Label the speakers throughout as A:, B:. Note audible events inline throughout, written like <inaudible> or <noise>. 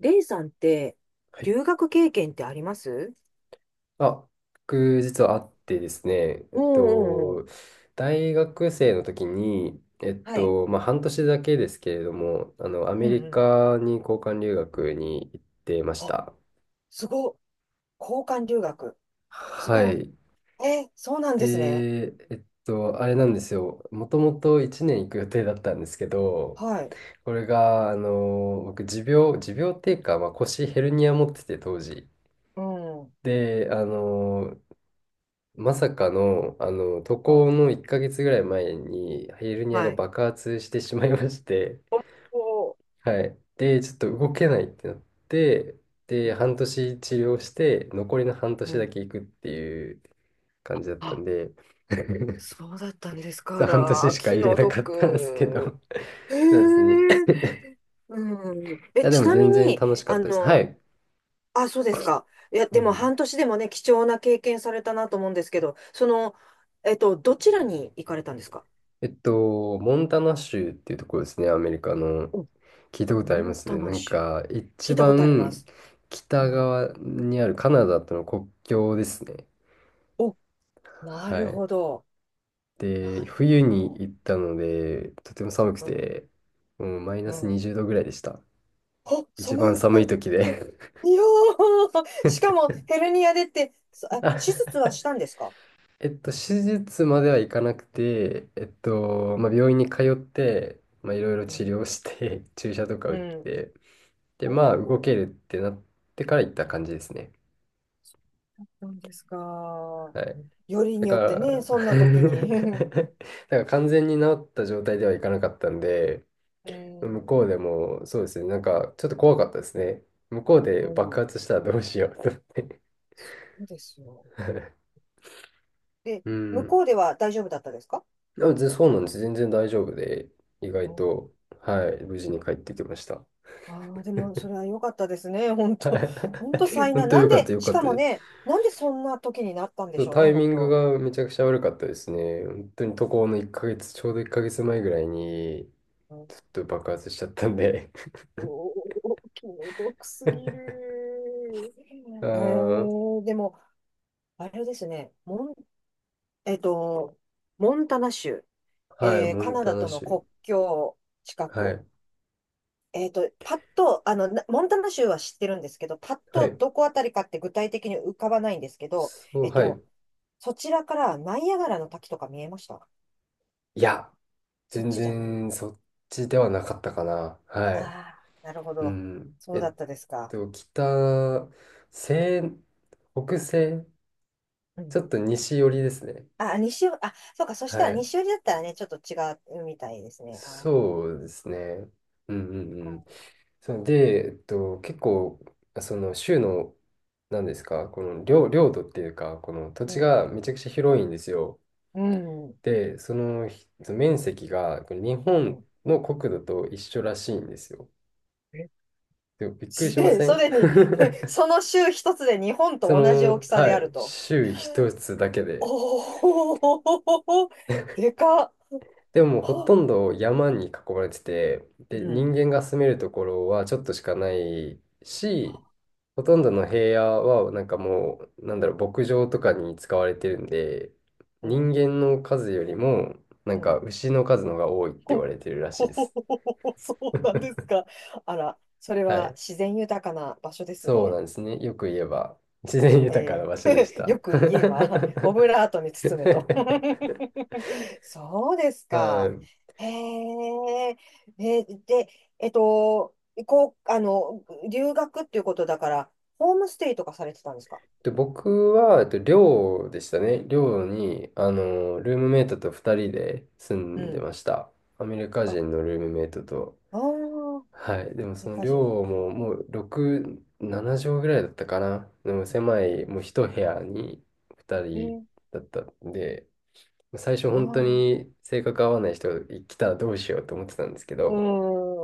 A: レイさんって、
B: はい。
A: 留学経験ってあります？
B: あ、僕、実はあってですね、
A: うんうんうん。
B: 大学生の時に、
A: はい。
B: まあ、半年だけですけれども、ア
A: うん
B: メリ
A: うん。
B: カに交換留学に行ってまし
A: あ、
B: た。
A: すごっ。交換留学。す
B: は
A: ごっ。
B: い。
A: そうなんですね。
B: で、あれなんですよ。もともと1年行く予定だったんですけど、
A: はい。
B: これが、僕、持病っていうか、まあ、腰ヘルニア持ってて、当時。
A: うん。
B: で、まさかの、渡
A: は
B: 航
A: い。
B: の1ヶ月ぐらい前に、ヘルニアが
A: はい。
B: 爆発してしまいまして、
A: おー。
B: はい。で、ちょっと動けないってなって、で、半年治療して、残りの半
A: う
B: 年だ
A: ん。
B: け行くっていう感じだったん
A: あ、
B: で、<laughs>
A: そうだったんです
B: そ
A: か
B: う、半年
A: ら。
B: しか
A: 気
B: 入れ
A: の
B: なかったんですけど、
A: 毒。へえ。
B: <laughs> そうですね。い
A: うん。え、
B: や、で
A: ち
B: も
A: なみ
B: 全然
A: に、
B: 楽しかったです。はい。
A: あ、そうですか。いや、
B: う
A: でも
B: ん。
A: 半年でもね、貴重な経験されたなと思うんですけど、その、どちらに行かれたんですか？
B: モンタナ州っていうところですね、アメリカの。
A: お、
B: 聞いたことあ
A: モ
B: りま
A: ン
B: す
A: タ
B: ね。
A: ナ
B: なん
A: 州。
B: か、
A: 聞
B: 一
A: いたことありま
B: 番
A: す。う
B: 北
A: ん。
B: 側にあるカナダとの国境ですね。
A: お、な
B: は
A: る
B: い。
A: ほど。
B: で、
A: なる
B: 冬
A: ほ
B: に
A: ど。
B: 行ったので、とても寒く
A: うん。
B: て、もうマイナ
A: う
B: ス
A: ん。
B: 20度ぐらいでした。
A: あ、
B: 一
A: 寒
B: 番
A: い。
B: 寒
A: う
B: い
A: ん
B: 時
A: うん。
B: で。
A: いやー、<laughs> しかもヘルニアでって、
B: <laughs>
A: 手術
B: あ
A: はしたんですか？
B: えっと、手術まではいかなくて、まあ、病院に通って、まあ、いろいろ
A: う
B: 治
A: ん。
B: 療して <laughs> 注射とか
A: う
B: 打っ
A: ん。
B: て、で、まあ、動
A: おー。
B: けるってなってから行った感じですね。
A: そうなんですか。
B: はい。
A: より
B: だ
A: に
B: か
A: よってね、
B: ら、<laughs>
A: そんな時に。<laughs>
B: だから完全に治った状態ではいかなかったんで、
A: う
B: 向こ
A: ん。
B: うでも、そうですね、なんかちょっと怖かったですね。向こう
A: う
B: で爆
A: ん、
B: 発したらどうしようと思って。
A: そうですよ。
B: <laughs>
A: で、
B: う
A: 向こ
B: ん。
A: うでは大丈夫だったですか？
B: あ、全然そうなんです。全然大丈夫で、意
A: う
B: 外
A: ん。
B: と、はい、無事に帰ってきました。
A: ああでも、それは良かったですね。本当 <laughs>
B: <laughs>
A: 本当災
B: 本
A: 難。
B: 当
A: な
B: よ
A: ん
B: かった
A: で、
B: よ
A: し
B: かっ
A: か
B: た
A: も
B: です。
A: ね、なんでそんな時になったんで
B: そ
A: し
B: う
A: ょう
B: タ
A: ね、
B: イミ
A: 本
B: ング
A: 当。
B: がめちゃくちゃ悪かったですね。本当に渡航の1ヶ月、ちょうど1ヶ月前ぐらいに、
A: うん、
B: ちょっと爆発しちゃったんで。
A: おー気の毒すぎる。
B: <laughs> あ
A: え
B: ー、
A: ー、でも、あれですね、えっと、モンタナ州、
B: はい、
A: えー
B: モ
A: カ
B: ン
A: ナ
B: タ
A: ダ
B: ナ
A: との
B: 州。
A: 国境近
B: は
A: く。
B: い、
A: えっと、パッと、なモンタナ州は知ってるんですけど、パッ
B: は
A: と
B: い。
A: どこあたりかって具体的に浮かばないんですけど、
B: そう、
A: えっ
B: は
A: と、
B: い。
A: そちらからナイアガラの滝とか見えました？
B: いや、
A: そっ
B: 全
A: ちじゃない？
B: 然そっちではなかったかな。は
A: あ
B: い。
A: あー、なるほ
B: う
A: ど。
B: ん。
A: そうだったですか。
B: 北、西、北西、
A: う
B: ち
A: ん。
B: ょっと西寄りですね。
A: あ、西寄り、あ、そうか、そしたら
B: はい。
A: 西寄りだったらね、ちょっと違うみたいですね。ああ、そっ
B: そうですね。うんうんうん。
A: か。
B: そので、結構、その州の、なんですか、この領土っていうか、この土
A: う
B: 地
A: ん。
B: がめちゃくちゃ広いんですよ。
A: うん。
B: で、そのひ面積がこれ日
A: う
B: 本
A: ん。
B: の国土と一緒らしいんですよ。
A: え
B: でもびっくり
A: す
B: しま
A: で
B: せ
A: そ
B: ん？
A: れ
B: <laughs>
A: に、<laughs> その州一つで日本
B: そ
A: と同じ大
B: の、
A: きさ
B: は
A: である
B: い、
A: と。
B: 州一つだけで。
A: お。お、<laughs> でかっ。
B: でももうほ
A: は。
B: とんど山に囲まれてて、で、
A: う
B: 人
A: ん。
B: 間が住めるところはちょっとしかないし、
A: あ。
B: ほ
A: う
B: とんど
A: ん、
B: の平野はなんかもう、なんだろう、牧場とかに使われてるんで、
A: う
B: 人
A: ん、
B: 間の数よりも、なん
A: う
B: か
A: ん。
B: 牛の数の方が多いって言わ
A: ほ、
B: れてるらしい
A: ほ
B: で
A: ほ
B: す。
A: ほほほほ <laughs> そうなんですか。あら、それ
B: は
A: は
B: い、
A: 自然豊かな場所です
B: そうな
A: ね。
B: んですね。よく言えば、自然豊かな
A: え
B: 場所でし
A: え <laughs>
B: た。
A: よ
B: <laughs>
A: く言えば、<laughs> オブラートに包むと。<laughs> そうです
B: は
A: か。
B: い。
A: へえ、え、で、えっと、こう、あの、留学っていうことだから、ホームステイとかされてたんですか？
B: で、僕は、寮でしたね。寮に、ルームメイトと2人で住
A: う
B: んで
A: ん。
B: ました。アメリカ
A: あ。あ
B: 人のルームメイトと。
A: あ、
B: はい。
A: ア
B: で
A: メ
B: も、
A: リ
B: その
A: カ人なん
B: 寮
A: だ。
B: も、もう、6、7畳ぐらいだったかな。でも、狭い、もう一部屋に2
A: え
B: 人
A: ー、
B: だったんで、最初、
A: あ
B: 本当
A: あ。
B: に性格合わない人が来たらどうしようと思ってたんですけ
A: う
B: ど、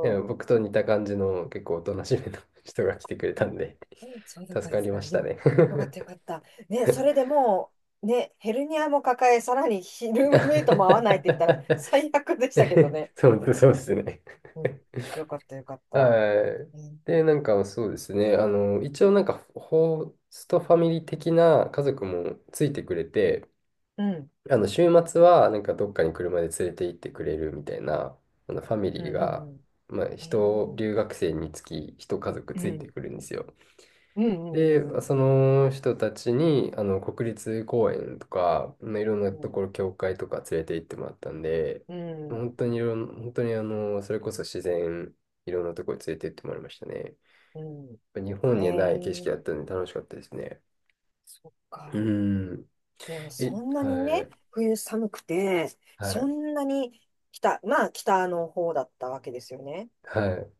B: で
A: ん。
B: も僕と似た感じの結構おとなしめの <laughs> 人が来てくれたんで、
A: そうだっ
B: 助
A: たんで
B: か
A: す
B: り
A: か。
B: ました
A: よ、
B: ね。
A: よかったよかった。ね、それでも、ね、ヘルニアも抱え、さらにヒルームメイトも合わないって言ったら
B: <laughs>
A: 最悪でしたけどね。
B: そう、そうですね。
A: うん。よかったよかった。
B: はい。
A: うん。
B: で、なんかそうですね。一応なんかホストファミリー的な家族もついてくれて、
A: うん。
B: 週末はなんかどっかに車で連れて行ってくれるみたいな、あのファミ
A: う
B: リー
A: ん。う
B: が、
A: ん。うん。
B: まあ、
A: えー。
B: 留学生につき一家族
A: う
B: ついて
A: ん。
B: くるんですよ。
A: うん。
B: で、
A: うん。
B: その人たちに、国立公園とか、まあいろんな
A: う
B: と
A: ん。
B: ころ、教会とか連れて行ってもらったんで、
A: うん。
B: 本当にいろん、本当にそれこそ自然、いろんなところに連れて行ってもらいましたね。やっ
A: うんう
B: ぱ日
A: ん。え
B: 本にはない景色
A: ー、
B: だったんで楽しかったですね。
A: そっ
B: う
A: か。
B: ん。
A: でも
B: え、
A: そんなに
B: は
A: ね、
B: い、
A: 冬寒くて、
B: は
A: そ
B: い、
A: んなに北、まあ北の方だったわけですよね。
B: はい。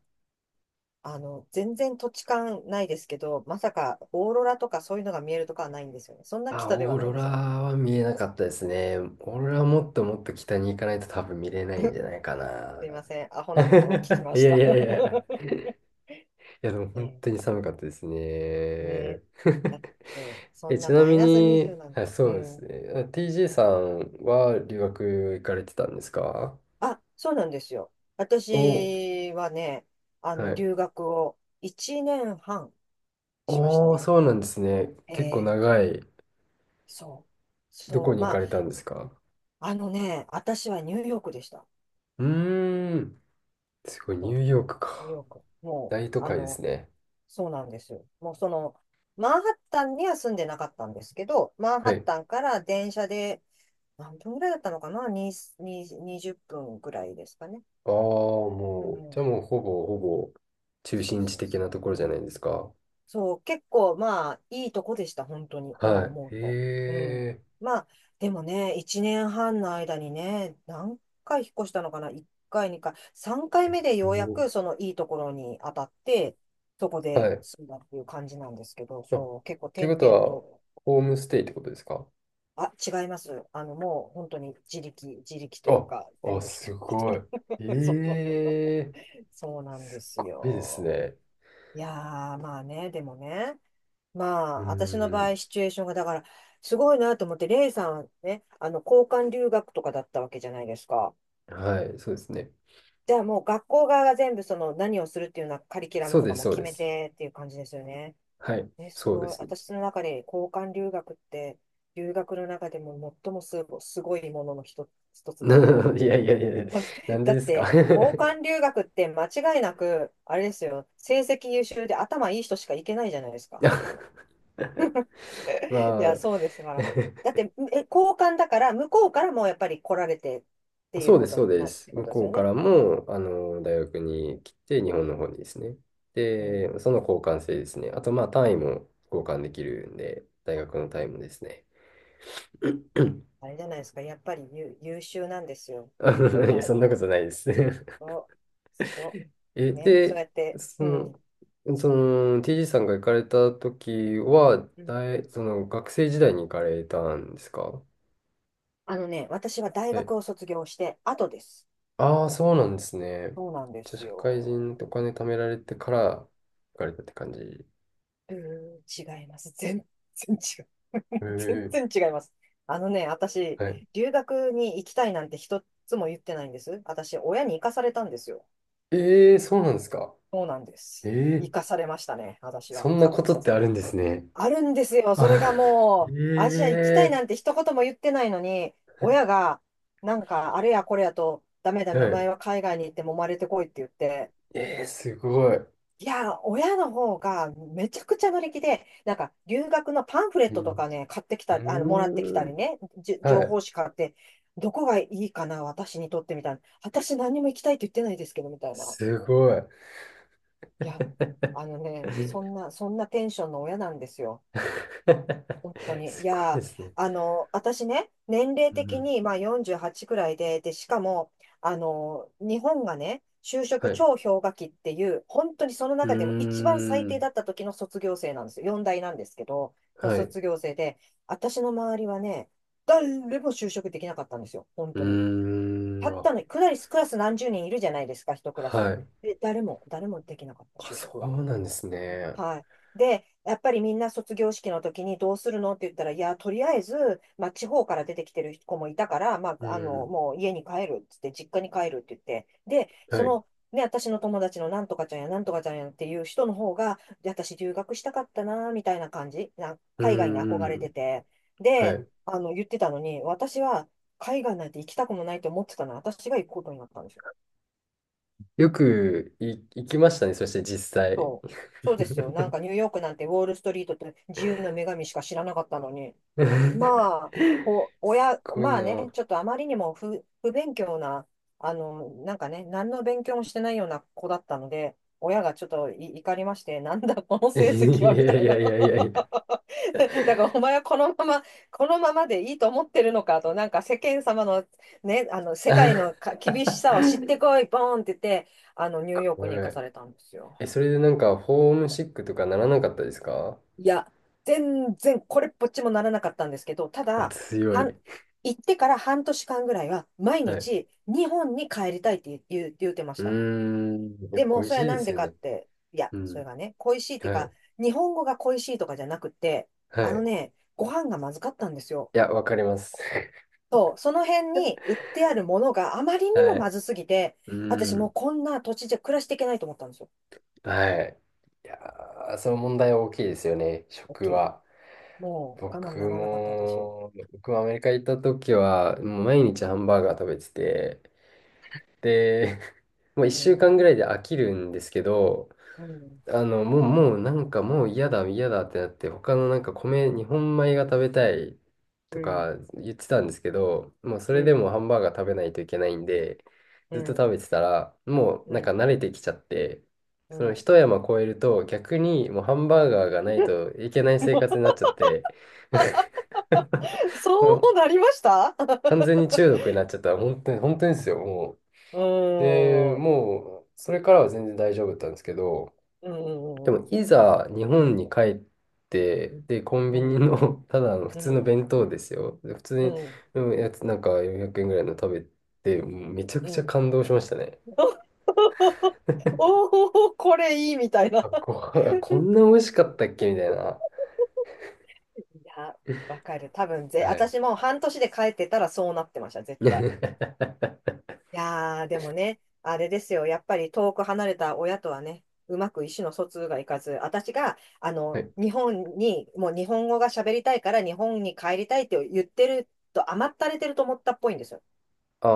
A: 全然土地勘ないですけど、まさかオーロラとかそういうのが見えるとかはないんですよね。そんな
B: あ、
A: 北で
B: オ
A: は
B: ー
A: ない
B: ロ
A: んで
B: ラ
A: すよね。
B: は見えなかったですね。オーロ
A: う
B: ラ
A: ん。
B: はもっともっと北に行かないと多分見れないん
A: <laughs>
B: じゃないかな。
A: すいません。アホなことを聞き
B: <laughs>
A: ま
B: い
A: し
B: やい
A: た。
B: やいや。
A: <laughs>
B: いや、でも本
A: ね。
B: 当に寒かったですね。
A: え、ね。
B: <laughs>
A: え、ねえそ
B: え、
A: ん
B: ち
A: な
B: な
A: マイ
B: み
A: ナス
B: に、
A: 20なん
B: あ、
A: て。
B: そ
A: う
B: うです
A: ん。
B: ね。あ、 TJ さんは留学行かれてたんですか？
A: あ、そうなんですよ。
B: お、
A: 私はね、
B: はい。
A: 留学を1年半しました
B: おー、
A: ね。
B: そうなんですね。
A: え
B: 結構
A: え、
B: 長い。
A: そう。
B: ど
A: そ
B: こ
A: う。
B: に行
A: ま
B: か
A: あ、
B: れたんですか？
A: あのね、私はニューヨークでした。
B: うーん。すごい、ニ
A: そ
B: ューヨーク
A: う、ニュー
B: か。
A: ヨーク。も
B: 大都
A: う、
B: 会ですね。
A: そうなんですよ。もうその、マンハッタンには住んでなかったんですけど、マンハ
B: は
A: ッ
B: い。
A: タンから電車で、何分ぐらいだったのかな、に20分ぐらいですかね。
B: ああ、
A: う
B: もう、じゃ
A: ん。
B: あもうほぼほぼ中
A: そう
B: 心地
A: そう
B: 的
A: そ
B: な
A: う。
B: ところじゃないですか。
A: そう、結構まあ、いいとこでした、本当に、今
B: は
A: 思
B: い。
A: うと。
B: へ
A: う
B: え。
A: ん。まあ、でもね、1年半の間にね、何回引っ越したのかな？ 1 回、2回、3回目で
B: お
A: ようや
B: ー、
A: くそのいいところに当たって、そこで
B: はい。
A: 住んだっていう感じなんですけど、
B: あ、っ
A: そう、結構
B: ていう
A: 転
B: こと
A: 々
B: は、
A: と。
B: ホームステイってことですか？
A: あ、違います。もう本当に自力、自力という
B: あ、
A: か、
B: あ、
A: 全部一
B: す
A: 人一
B: ごい。
A: 人。<laughs> そうそうそう。
B: ええ、
A: そうなんで
B: す
A: す
B: っごいです
A: よ。
B: ね。
A: いやー、まあね、でもね、ま
B: うー
A: あ、私の場合、
B: ん。
A: シチュエーションが、だから、すごいなと思って、レイさんはね、交換留学とかだったわけじゃないですか。
B: はい、そうですね。
A: じゃあもう学校側が全部その何をするっていうようなカリキュラ
B: そ
A: ム
B: う
A: と
B: で
A: か
B: す、
A: も
B: そう
A: 決
B: で
A: め
B: す。
A: てっていう感じですよね。
B: はい、
A: え、す
B: そうで
A: ごい。
B: す
A: 私の中で交換留学って、留学の中でも最もすご、すごいものの一つ
B: ね。
A: だと思って
B: <laughs> い
A: て。
B: やいやいや、なん
A: <laughs> だ
B: で
A: っ
B: ですか？
A: て、交
B: <laughs>
A: 換留学って間違いなく、あれですよ、成績優秀で頭いい人しか行けないじゃないですか、あんなの。
B: あ、ま
A: <laughs> いや、
B: あ、
A: そうですから。だって、え、交換だから、向こうからもやっぱり来られてっ
B: <laughs>
A: ていう
B: そうで
A: こ
B: す、
A: と
B: そう
A: に
B: で
A: なるっ
B: す。
A: てこ
B: 向
A: とです
B: こう
A: よ
B: か
A: ね。
B: らも、大学に来て、日本の方にですね。
A: うん。
B: で、その交換生ですね。あと、まあ、単位も交換できるんで、大学の単位もですね。<clears throat>
A: あれじゃないですか、やっぱり優、優秀なんですよ。
B: <laughs> あ
A: お
B: のいや、
A: た、
B: そんなことないです。
A: す
B: <laughs>
A: ご、すご。
B: え、
A: ね、そう
B: で、
A: やって、
B: そ
A: うん。
B: の、その、TG さんが行かれた時は、
A: うん。
B: 大、その、学生時代に行かれたんですか？
A: あのね、私は大
B: はい。
A: 学を卒業して後です。
B: ああ、そうなんですね。
A: そうなんで
B: じゃあ、
A: す
B: 社会
A: よ。
B: 人でお金貯められてから行かれたって感じ。
A: うーん、違います。全然違う。<laughs> 全
B: ええ、
A: 然違います。あのね、私、
B: はい。
A: 留学に行きたいなんて一つも言ってないんです。私、親に行かされたんですよ。
B: ええ、そうなんですか。
A: そうなんで
B: え
A: す。
B: え、
A: 行かされましたね、私
B: そ
A: は。
B: んなこ
A: 確
B: とって
A: 実。
B: あるんですね。
A: あるんですよ。それ
B: あ、
A: が
B: <laughs> え
A: もう、アジア行きたいなんて一言も言ってないのに、親が、なんか、あれやこれやと、ダメダ
B: え、
A: メ、
B: は
A: お
B: い。
A: 前は海外に行って揉まれてこいって言って、
B: ええ、すごい。
A: いや、親の方がめちゃくちゃ乗り気で、なんか留学のパンフレッ
B: う
A: トと
B: ん。
A: かね、買ってき
B: う
A: た、もらってきた
B: ー
A: り
B: ん。
A: ね、じ
B: は
A: 情報
B: い。
A: 誌買って、どこがいいかな、私にとってみたいな。私何も行きたいと言ってないですけど、みたいな。
B: すごい。
A: いや、あのね、
B: <laughs>
A: そんなテンションの親なんですよ。本当に。い
B: すごい
A: や
B: で
A: ー、
B: すね。
A: 私ね、年齢
B: う
A: 的
B: ん、
A: に、まあ、48くらいで、で、しかも、日本がね、就
B: は
A: 職
B: い。う
A: 超氷河期っていう、本当にその中でも
B: ー
A: 一番最低だっ
B: ん。
A: た時の卒業生なんですよ。4大なんですけど、の
B: はい。
A: 卒業生で、私の周りはね、誰も就職できなかったんですよ。本
B: う
A: 当に。
B: ー
A: たっ
B: ん。あ、
A: たの、クラス何十人いるじゃないですか、一クラ
B: は
A: ス。
B: い。
A: で、誰もできなかった、
B: あ、
A: 就
B: そ
A: 職が。
B: うなんですね。
A: はい。で、やっぱりみんな卒業式の時にどうするのって言ったら、いや、とりあえず、まあ、地方から出てきてる子もいたから、ま
B: う
A: あ、
B: ん。
A: もう家に帰るっつって、実家に帰るって言って、で、そ
B: はい。
A: の、ね、私の友達のなんとかちゃんやなんとかちゃんやっていう人の方が、で私留学したかったな、みたいな感じ、な、
B: う
A: 海外に
B: ん、
A: 憧れ
B: う
A: て
B: ん。
A: て、
B: は
A: で、
B: い。
A: 言ってたのに、私は海外なんて行きたくもないと思ってたのに、私が行くことになったんですよ。
B: よく行きましたね。そして実際。
A: そう、そうですよ。なんかニューヨークなんてウォールストリートって自由の女神しか知らなかったのに。
B: <laughs>
A: まあ、
B: すっ
A: 親、
B: ごい
A: まあね、
B: な。
A: ちょっとあまりにも不勉強な、なんかね、何の勉強もしてないような子だったので、親がちょっと怒りまして、なんだこの
B: い
A: 成績はみ
B: や
A: た
B: い
A: いな。
B: やいやいやいや。
A: <laughs> だからお
B: <laughs>
A: 前はこのままでいいと思ってるのかと、なんか世間様のね、あの世界の
B: は
A: 厳しさを知ってこい、ボーンって言って、
B: い。
A: ニューヨークに行か
B: <laughs>
A: されたんですよ。
B: え、それでなんか、ホームシックとかならなかったですか？
A: いや、全然これっぽっちもならなかったんですけど、ただ、
B: 強い。
A: 半行ってから半年間ぐらいは、毎
B: はい。
A: 日日本に帰りたいって言う、言うてまし
B: う
A: た。
B: ーん。やっ
A: で
B: ぱ
A: も、
B: 恋
A: そ
B: し
A: れ
B: い
A: は
B: で
A: なん
B: す
A: で
B: よ
A: か
B: ね。
A: って、いや、
B: う
A: それ
B: ん。
A: がね、恋しいっていう
B: は
A: か、
B: い。
A: 日本語が恋しいとかじゃなくて、
B: は
A: あの
B: い。
A: ね、ご飯がまずかったんですよ。
B: いや、わかります。<laughs>
A: そう、その辺に売ってあるものがあまりにも
B: は
A: ま
B: い。
A: ずすぎて、
B: う
A: 私
B: ー
A: もう
B: ん。
A: こんな土地じゃ暮らしていけないと思ったんですよ。
B: はい。いやー、その問題は大きいですよね。
A: 大
B: 食
A: きい。
B: は。
A: もう我慢
B: 僕
A: ならなかった私。
B: も、僕もアメリカ行った時は、もう毎日ハンバーガー食べてて、で、<laughs> もう
A: う
B: 1週
A: ん、
B: 間ぐらいで飽きるんですけど、
A: うん、
B: もう、なんかもう嫌だ、嫌だってなって、他のなんか日本米が食べたい
A: う
B: と
A: ん、
B: か言ってたんですけど、もうそ
A: う
B: れでも
A: ん。
B: ハンバーガー食べないといけないんで、
A: う
B: ずっと食
A: ん、
B: べてたら、もう
A: う
B: なんか
A: ん、
B: 慣れてきちゃって、
A: う
B: その
A: ん。
B: 一山越えると逆にもうハンバーガーがないといけない生活になっ
A: <laughs>
B: ちゃって、
A: そ
B: <laughs> もう
A: うなりました。 <laughs>
B: 完全に中毒になっちゃったら、本当に、本当にですよ、もう。
A: う
B: で、
A: ーん、
B: もう、それからは全然大丈夫だったんですけど、
A: う
B: でも、
A: ん、
B: いざ日本に帰って、で、コン
A: う
B: ビ
A: ん、
B: ニ
A: うん、
B: の <laughs> ただの普通の弁当ですよ。で普通
A: う
B: に、
A: ん、うん。
B: うん、やつ、なんか400円ぐらいの食べて、もうめちゃ
A: <laughs>
B: く
A: う
B: ちゃ
A: ん。
B: 感動しましたね。
A: <laughs> おお、これいいみたいな。
B: あ、ご
A: <laughs>
B: 飯、<laughs> こんな美味しかったっけみたいな。
A: いや、わかる。多分
B: はい。
A: 私も半年で帰ってたらそうなってました、絶対。
B: <laughs>
A: いやー、でもね、あれですよ。やっぱり遠く離れた親とはね、うまく意思の疎通がいかず、私が、
B: はい。
A: 日本に、もう日本語が喋りたいから日本に帰りたいって言ってると甘ったれてると思ったっぽいんですよ。
B: ああ、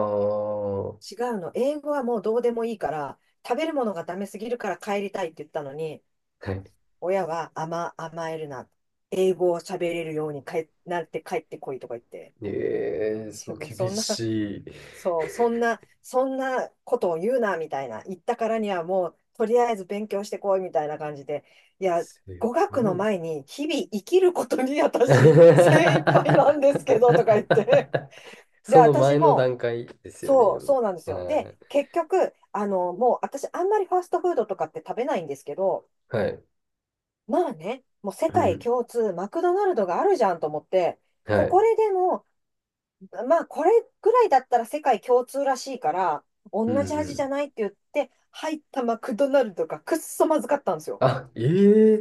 B: は
A: 違うの。英語はもうどうでもいいから、食べるものがダメすぎるから帰りたいって言ったのに、
B: い。
A: 親は甘えるな。英語を喋れるようになって帰ってこいとか言って。
B: ええ、そう、
A: <laughs> もう
B: 厳しい。
A: そんなことを言うな、みたいな。言ったからにはもう、とりあえず勉強してこい、みたいな感じで。いや、
B: す
A: 語
B: ご
A: 学の
B: いです。
A: 前に、日々生きることに私、<laughs> 精一杯なんですけど、とか言って。
B: <laughs>
A: で、
B: その
A: 私
B: 前の
A: も、
B: 段階ですよ
A: そ
B: ね。
A: う、
B: も
A: そうなんです
B: う、
A: よ。で、
B: はい。
A: 結局、もう私、あんまりファストフードとかって食べないんですけど、
B: はい。
A: まあね、もう世
B: う
A: 界
B: ん、
A: 共通、マクドナルドがあるじゃんと思って、
B: は
A: ここ
B: い。
A: ででも、まあ、これぐらいだったら世界共通らしいから、
B: うんう
A: 同じ味じ
B: ん。
A: ゃないって言って、入ったマクドナルドがくっそまずかったんですよ。
B: あ、え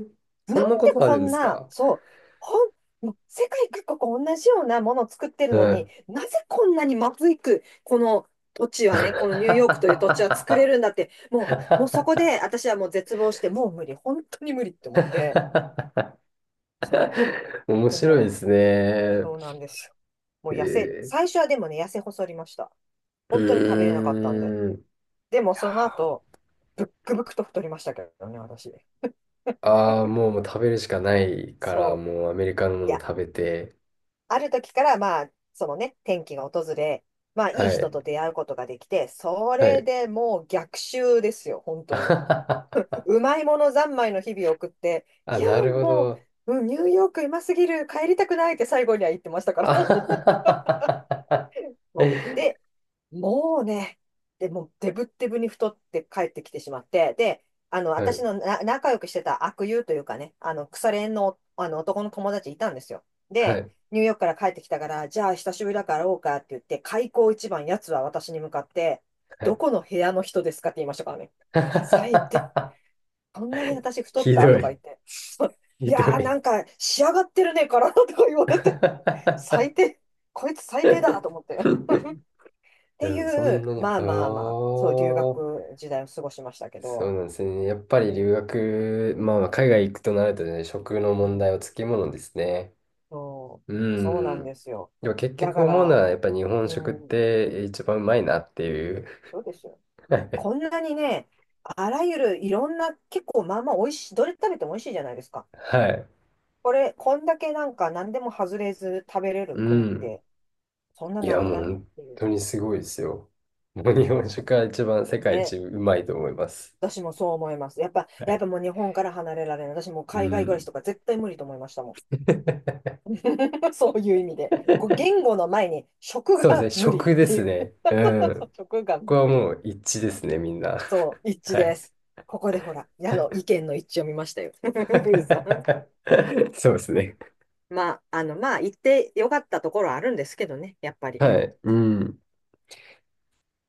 B: え、
A: な
B: そ
A: ん
B: ん
A: で
B: なことあ
A: こ
B: るんで
A: ん
B: す
A: な、
B: か？
A: そう、ほん、もう世界各国同じようなものを作ってるの
B: は
A: に、
B: い。
A: なぜこんなにまずいく、この土地はね、このニューヨークという土地は作れるんだって、もうそこで私はもう絶望して、もう無理、本当に無理って思って、そ
B: <laughs> 面
A: う、で
B: 白いで
A: も、
B: すね。
A: そうなんですよ。も
B: え
A: う
B: ー、
A: 最初はでもね、痩せ細りました。
B: う
A: 本当に食べれなかったんで。
B: ーん。い
A: でも
B: や
A: その後、
B: ー、
A: ブックブクと太りましたけどね、私。
B: あー、もう食べるしかないから、
A: そう。
B: もうアメリカのも
A: い
B: の
A: や、
B: 食べて。
A: ある時からまあ、そのね、転機が訪れ、まあ、いい
B: は
A: 人
B: い。
A: と出会うことができて、そ
B: は
A: れ
B: い。
A: でもう逆襲ですよ、本当に。
B: <laughs>
A: うまいもの三昧の日々を送って、
B: あ、
A: いや、
B: なるほ
A: も
B: ど。
A: う、うんニューヨークうますぎる、帰りたくないって最後には言ってました
B: <laughs>
A: から。<laughs>
B: あ、は
A: そう
B: い。
A: で、もうね、でもうデブッデブに太って帰ってきてしまって、で、私の仲良くしてた悪友というかね、腐れ縁の、あの男の友達いたんですよ。
B: は
A: で、
B: い。
A: ニューヨークから帰ってきたから、じゃあ久しぶりだから会おうかって言って、開口一番、やつは私に向かって、
B: は
A: ど
B: い。
A: この部屋の人ですかって言いましたからね。最低。こんなに私太っ
B: ひ
A: た
B: ど
A: とか
B: い。
A: 言って。そう、い
B: ひど
A: やー、な
B: い。
A: んか仕上がってるね、体とか言われて。最
B: <laughs> い
A: 低。こいつ最低だと思って。て
B: やでもそ
A: い
B: ん
A: う、
B: なに、は
A: まあまあまあ、そう、留
B: あ、
A: 学時代を過ごしましたけ
B: そう
A: ど、
B: なんですね。やっぱり留
A: ね、
B: 学、まあまあ海外行くとなるとね、食の
A: うん、
B: 問題はつきものですね。
A: そう、
B: う
A: そうなんで
B: ん。
A: すよ。
B: でも結
A: だ
B: 局
A: か
B: 思うの
A: ら、
B: は、やっぱ日本
A: う
B: 食っ
A: ん、
B: て一番うまいなっていう。
A: そうですよ。こん
B: <laughs>
A: なにね、あらゆるいろんな、結構まあまあ美味しい、どれ食べても美味しいじゃないですか。
B: はい。
A: こんだけなんか何でも外れず食べれる
B: う
A: 国っ
B: ん。
A: て、そんな
B: い
A: な
B: や、
A: く
B: もう
A: ないっ
B: 本
A: ていう。
B: 当にすごいですよ。もう日本食
A: そ
B: が一番世
A: う
B: 界
A: ね、
B: 一うまいと思います。
A: 私もそう思います。やっぱ、
B: は
A: やっ
B: い。
A: ぱもう日本から離れられない。私もう
B: う
A: 海外暮らし
B: ん。
A: とか絶対無理と思いましたもん。
B: <laughs>
A: <laughs> そういう意味で。こう言語の前に食
B: そうです
A: が
B: ね、
A: 無理っ
B: 食で
A: てい
B: す
A: う。
B: ね。うん。
A: <laughs> 食
B: こ
A: が
B: こは
A: 無理。
B: もう一致ですね、みんな。
A: そう、
B: <laughs>
A: 一致
B: は
A: で
B: い。
A: す。ここでほら、矢の意見の一致を見ましたよ。
B: <laughs>
A: <laughs> ウルさん、
B: そうですね。
A: まあ、まあ、言ってよかったところはあるんですけどね、やっぱり。
B: はい。うん。